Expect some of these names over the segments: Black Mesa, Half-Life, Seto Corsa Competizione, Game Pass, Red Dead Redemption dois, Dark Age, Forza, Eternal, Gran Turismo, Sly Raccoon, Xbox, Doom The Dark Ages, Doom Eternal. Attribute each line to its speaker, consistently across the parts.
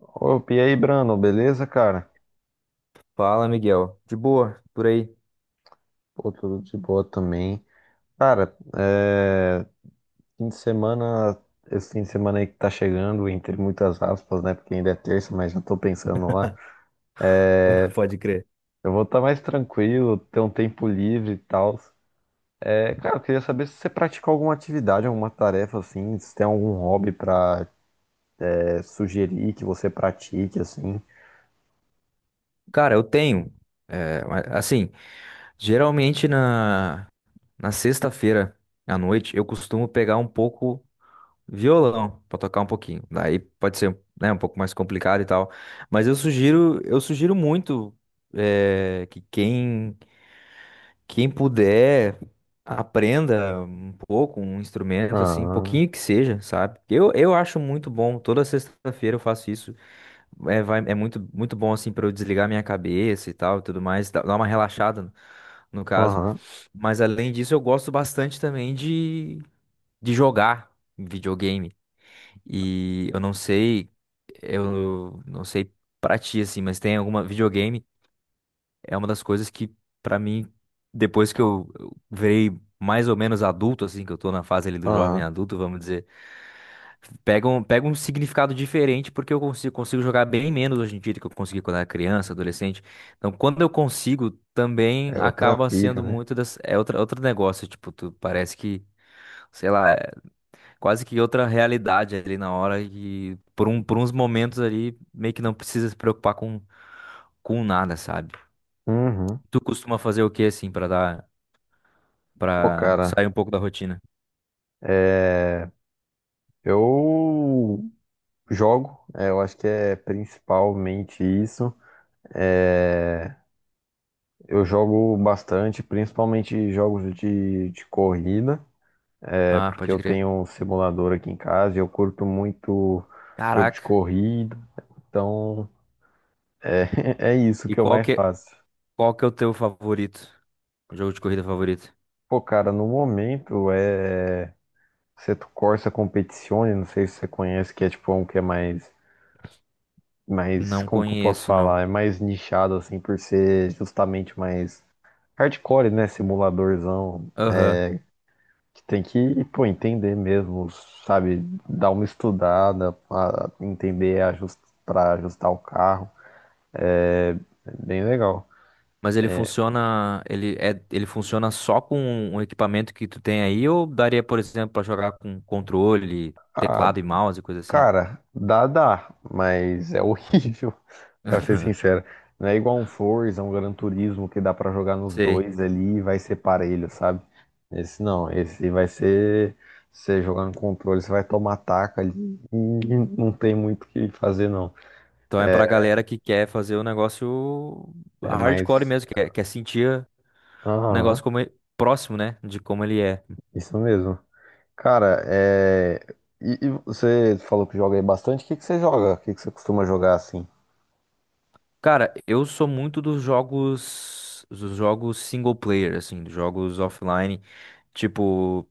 Speaker 1: Opa, e aí, Brandon, beleza, cara?
Speaker 2: Fala, Miguel. De boa, por aí.
Speaker 1: Pô, tudo de boa também. Cara, fim de semana, esse fim de semana aí que tá chegando, entre muitas aspas, né? Porque ainda é terça, mas já tô pensando lá.
Speaker 2: Pode crer.
Speaker 1: Eu vou estar mais tranquilo, ter um tempo livre e tal. É, cara, eu queria saber se você pratica alguma atividade, alguma tarefa, assim, se tem algum hobby pra sugerir que você pratique, assim.
Speaker 2: Cara, eu tenho. Mas, assim, geralmente na sexta-feira à noite eu costumo pegar um pouco violão pra tocar um pouquinho. Daí pode ser, né, um pouco mais complicado e tal. Mas eu sugiro muito que quem puder aprenda um pouco um instrumento, assim,
Speaker 1: Aham,
Speaker 2: pouquinho que seja, sabe? Eu acho muito bom. Toda sexta-feira eu faço isso. É muito, muito bom, assim, pra eu desligar minha cabeça e tal, e tudo mais, dá dar uma relaxada, no caso.
Speaker 1: aham,
Speaker 2: Mas, além disso, eu gosto bastante também de jogar videogame. E eu não sei pra ti, assim, mas tem alguma. Videogame é uma das coisas que, pra mim, depois que eu virei mais ou menos adulto, assim, que eu tô na fase ali do jovem
Speaker 1: aham.
Speaker 2: adulto, vamos dizer, pega um significado diferente, porque consigo jogar bem menos hoje em dia do que eu consegui quando era criança, adolescente. Então, quando eu consigo, também
Speaker 1: É outra
Speaker 2: acaba
Speaker 1: pira,
Speaker 2: sendo
Speaker 1: né?
Speaker 2: muito outro negócio. Tipo, tu parece que, sei lá, é quase que outra realidade ali na hora. E por uns momentos ali, meio que não precisa se preocupar com nada, sabe?
Speaker 1: Uhum.
Speaker 2: Tu costuma fazer o que assim
Speaker 1: Pô,
Speaker 2: para
Speaker 1: cara,
Speaker 2: sair um pouco da rotina?
Speaker 1: eu jogo, eu acho que é principalmente isso. É, eu jogo bastante, principalmente jogos de corrida,
Speaker 2: Ah,
Speaker 1: porque
Speaker 2: pode
Speaker 1: eu
Speaker 2: crer.
Speaker 1: tenho um simulador aqui em casa e eu curto muito jogo de
Speaker 2: Caraca.
Speaker 1: corrida. Então, é, é isso
Speaker 2: E
Speaker 1: que eu mais faço.
Speaker 2: qual que é o teu favorito? Jogo de corrida favorito?
Speaker 1: Pô, cara, no momento é Seto Corsa Competizione, não sei se você conhece, que é tipo um que é mais,
Speaker 2: Não
Speaker 1: como que eu posso
Speaker 2: conheço, não.
Speaker 1: falar? É mais nichado assim por ser justamente mais hardcore, né? Simuladorzão.
Speaker 2: Aham.
Speaker 1: É, que tem que, pô, entender mesmo, sabe? Dar uma estudada, pra entender para ajustar o carro. É é bem legal.
Speaker 2: Mas ele funciona, ele funciona só com o equipamento que tu tem aí ou daria, por exemplo, pra jogar com controle,
Speaker 1: Ah,
Speaker 2: teclado e mouse, coisa assim?
Speaker 1: cara, dá, mas é horrível, pra ser sincero. Não é igual um Forza, um Gran Turismo que dá pra jogar nos
Speaker 2: Sei.
Speaker 1: dois ali e vai ser parelho, sabe? Esse não, esse vai ser você jogar no controle, você vai tomar taca ali e não tem muito o que fazer, não.
Speaker 2: Então é pra
Speaker 1: É
Speaker 2: galera que quer fazer o negócio
Speaker 1: é
Speaker 2: hardcore
Speaker 1: mais.
Speaker 2: mesmo, quer sentir o negócio
Speaker 1: Aham,
Speaker 2: próximo, né, de como ele é.
Speaker 1: isso mesmo. Cara, é. E você falou que joga aí bastante, o que que você joga? O que que você costuma jogar assim?
Speaker 2: Cara, eu sou muito dos dos jogos single player, assim, dos jogos offline, tipo,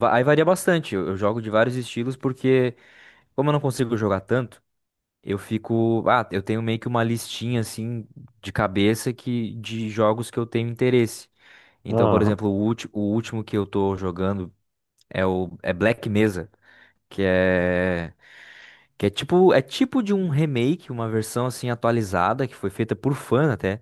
Speaker 2: aí varia bastante. Eu jogo de vários estilos porque como eu não consigo jogar tanto, eu fico. Ah, eu tenho meio que uma listinha assim de cabeça que de jogos que eu tenho interesse. Então, por
Speaker 1: Aham,
Speaker 2: exemplo, o último que eu tô jogando é o é Black Mesa, que é que é tipo de um remake, uma versão assim atualizada que foi feita por fã até,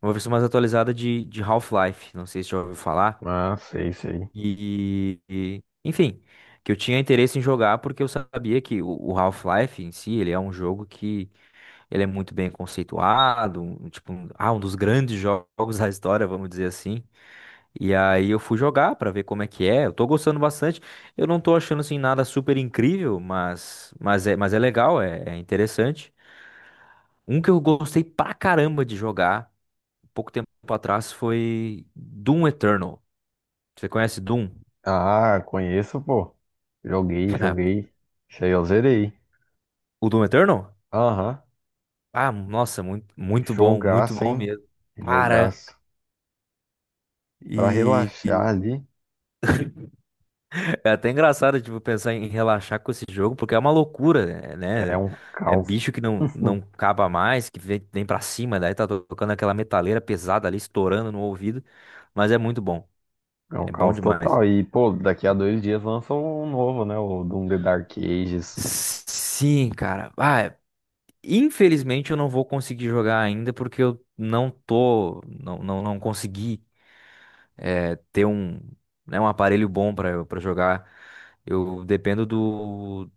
Speaker 2: uma versão mais atualizada de Half-Life. Não sei se já ouviu falar.
Speaker 1: ah, sei, sei.
Speaker 2: Enfim, que eu tinha interesse em jogar porque eu sabia que o Half-Life em si, ele é um jogo que ele é muito bem conceituado, um dos grandes jogos da história, vamos dizer assim. E aí eu fui jogar pra ver como é que é. Eu tô gostando bastante. Eu não tô achando assim nada super incrível, mas é legal, é interessante. Um que eu gostei pra caramba de jogar pouco tempo atrás foi Doom Eternal. Você conhece Doom?
Speaker 1: Ah, conheço, pô. Joguei, joguei. Isso aí eu zerei.
Speaker 2: O Doom Eternal?
Speaker 1: Aham.
Speaker 2: Ah, nossa, muito, muito
Speaker 1: Jogaço,
Speaker 2: bom
Speaker 1: hein?
Speaker 2: mesmo. Cara,
Speaker 1: Jogaço. Pra
Speaker 2: e,
Speaker 1: relaxar ali,
Speaker 2: É até engraçado, tipo, pensar em relaxar com esse jogo, porque é uma loucura, é,
Speaker 1: é
Speaker 2: né?
Speaker 1: um
Speaker 2: É
Speaker 1: caos.
Speaker 2: bicho que não caba mais, que vem pra cima, daí tá tocando aquela metaleira pesada ali, estourando no ouvido. Mas é muito bom,
Speaker 1: É um
Speaker 2: é bom
Speaker 1: caos
Speaker 2: demais.
Speaker 1: total. E, pô, daqui a 2 dias lança um novo, né? O Doom The Dark Ages.
Speaker 2: Sim, cara. Ah, infelizmente eu não vou conseguir jogar ainda, porque eu não não consegui ter um, né, um aparelho bom pra, pra jogar. Eu dependo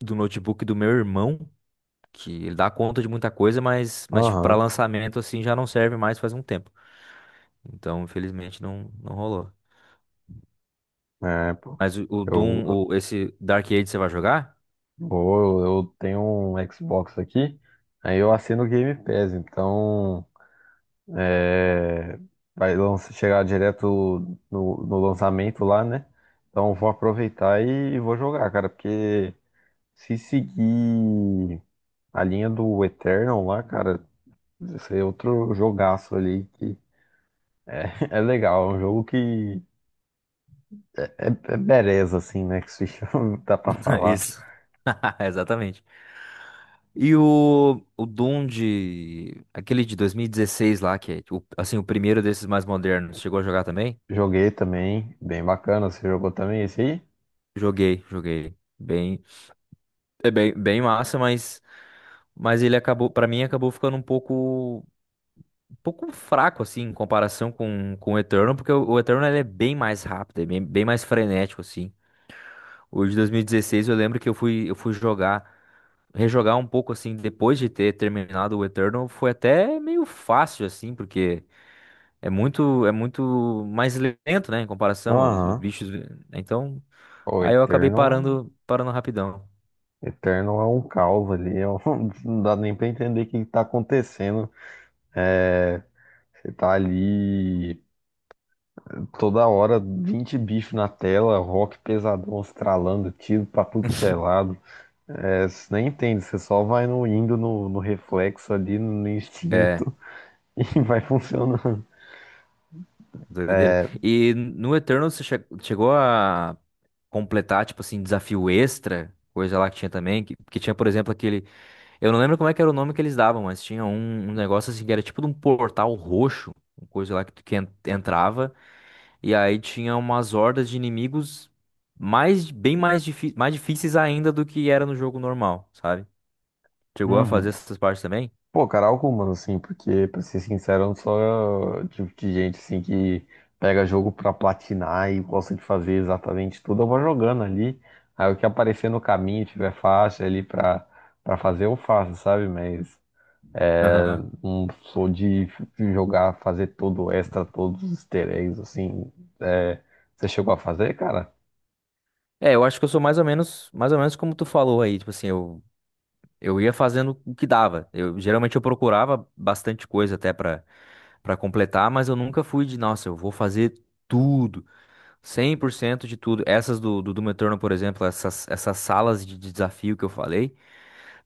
Speaker 2: do notebook do meu irmão. Que ele dá conta de muita coisa, mas tipo, para
Speaker 1: Aham.
Speaker 2: lançamento assim já não serve mais faz um tempo. Então, infelizmente, não, não rolou.
Speaker 1: É, pô.
Speaker 2: Mas
Speaker 1: Eu, eu,
Speaker 2: Esse Dark Age você vai jogar?
Speaker 1: eu tenho um Xbox aqui, aí eu assino o Game Pass, então. É, chegar direto no lançamento lá, né? Então vou aproveitar e, vou jogar, cara, porque se seguir a linha do Eternal lá, cara, esse é outro jogaço ali que é, é legal, é um jogo que é bereza, assim, né? Que se chama, dá pra falar.
Speaker 2: Isso. Exatamente. E o Doom de. Aquele de 2016 lá, que é assim, o primeiro desses mais modernos. Chegou a jogar também?
Speaker 1: Joguei também, bem bacana, você jogou também esse aí?
Speaker 2: Joguei, joguei. Bem, é bem massa, mas ele acabou, pra mim, acabou ficando um pouco. Pouco fraco, assim, em comparação com o Eternal, porque o Eternal ele é bem mais rápido, é bem mais frenético, assim. O de 2016 eu lembro que eu fui jogar, rejogar um pouco, assim, depois de ter terminado o Eternal, foi até meio fácil, assim, porque é muito mais lento, né, em comparação, os
Speaker 1: Aham.
Speaker 2: bichos. Né, então,
Speaker 1: O
Speaker 2: aí eu acabei
Speaker 1: Eternal
Speaker 2: parando rapidão.
Speaker 1: Eterno é um caos ali, não dá nem pra entender o que que tá acontecendo. É, você tá ali toda hora, 20 bichos na tela, rock pesadão estralando, tiro pra tudo que é lado. É, você nem entende, você só vai indo no reflexo ali, no
Speaker 2: É,
Speaker 1: instinto, e vai funcionando.
Speaker 2: doideira. E no Eternal você chegou a completar, tipo assim, desafio extra, coisa lá que tinha também, que tinha, por exemplo, aquele. Eu não lembro como é que era o nome que eles davam, mas tinha um negócio assim que era tipo de um portal roxo, uma coisa lá que tu que en- entrava, e aí tinha umas hordas de inimigos mais difíceis ainda do que era no jogo normal, sabe? Chegou a fazer
Speaker 1: Uhum.
Speaker 2: essas partes também?
Speaker 1: Pô, cara, algumas, assim, porque, pra ser sincero, eu não sou o tipo de gente, assim, que pega jogo pra platinar e gosta de fazer exatamente tudo. Eu vou jogando ali, aí o que aparecer no caminho, tiver faixa ali pra fazer, eu faço, sabe? Mas
Speaker 2: Aham.
Speaker 1: não sou de jogar, fazer todo o extra, todos os easter eggs, assim. É, você chegou a fazer, cara?
Speaker 2: É, eu acho que eu sou mais ou menos como tu falou aí, tipo assim, eu ia fazendo o que dava. Eu geralmente eu procurava bastante coisa até pra para completar, mas eu nunca fui de, nossa, eu vou fazer tudo, 100% de tudo. Essas do Metrono, por exemplo, essas salas de desafio que eu falei,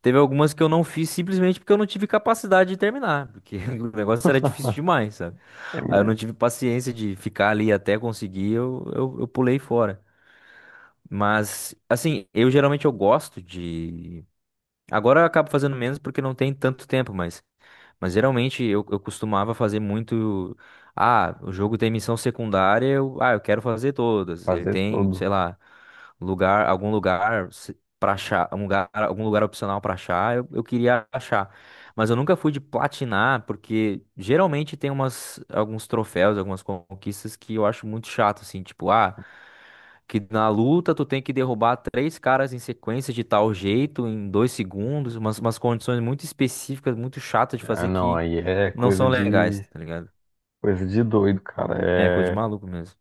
Speaker 2: teve algumas que eu não fiz simplesmente porque eu não tive capacidade de terminar, porque o negócio era difícil demais, sabe?
Speaker 1: É,
Speaker 2: Aí eu não tive paciência de ficar ali até conseguir, eu pulei fora. Mas, assim, eu geralmente eu gosto de. Agora eu acabo fazendo menos porque não tem tanto tempo, mas. Mas geralmente eu costumava fazer muito. Ah, o jogo tem missão secundária, eu quero fazer todas. Ele
Speaker 1: fazer
Speaker 2: tem,
Speaker 1: tudo.
Speaker 2: sei lá, lugar, algum lugar se- pra achar, um lugar, algum lugar opcional pra achar, eu queria achar. Mas eu nunca fui de platinar, porque geralmente tem alguns troféus, algumas conquistas que eu acho muito chato, assim, tipo, ah. Que na luta tu tem que derrubar três caras em sequência de tal jeito, em 2 segundos, umas condições muito específicas, muito chatas de
Speaker 1: Ah,
Speaker 2: fazer
Speaker 1: não,
Speaker 2: que
Speaker 1: aí é
Speaker 2: não são legais, tá ligado?
Speaker 1: coisa de doido, cara.
Speaker 2: É, coisa de
Speaker 1: É
Speaker 2: maluco mesmo.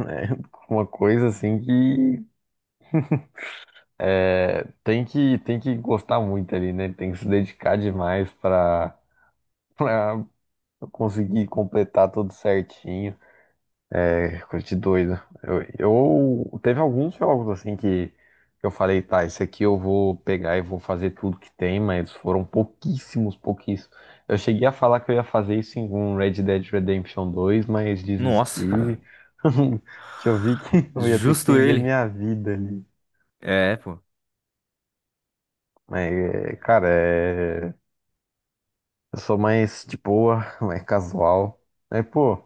Speaker 1: é uma coisa, assim, que. É, tem que gostar muito ali, né? Tem que se dedicar demais pra, pra conseguir completar tudo certinho. É coisa de doido. Eu, teve alguns jogos assim que eu falei, tá, esse aqui eu vou pegar e vou fazer tudo que tem, mas foram pouquíssimos, pouquíssimos. Eu cheguei a falar que eu ia fazer isso em um Red Dead Redemption 2, mas
Speaker 2: Nossa,
Speaker 1: desisti. Que eu vi que eu ia ter que
Speaker 2: justo
Speaker 1: vender
Speaker 2: ele.
Speaker 1: minha vida ali.
Speaker 2: É, pô.
Speaker 1: Mas, cara, é. Eu sou mais de boa, mais casual. Aí, pô,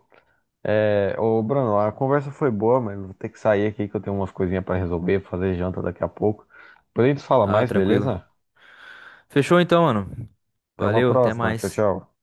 Speaker 1: ô Bruno, a conversa foi boa, mas vou ter que sair aqui que eu tenho umas coisinhas pra resolver, fazer janta daqui a pouco. Depois a gente fala
Speaker 2: Ah,
Speaker 1: mais,
Speaker 2: tranquilo.
Speaker 1: beleza?
Speaker 2: Fechou então, mano.
Speaker 1: Até uma
Speaker 2: Valeu, até
Speaker 1: próxima. Tchau,
Speaker 2: mais.
Speaker 1: tchau.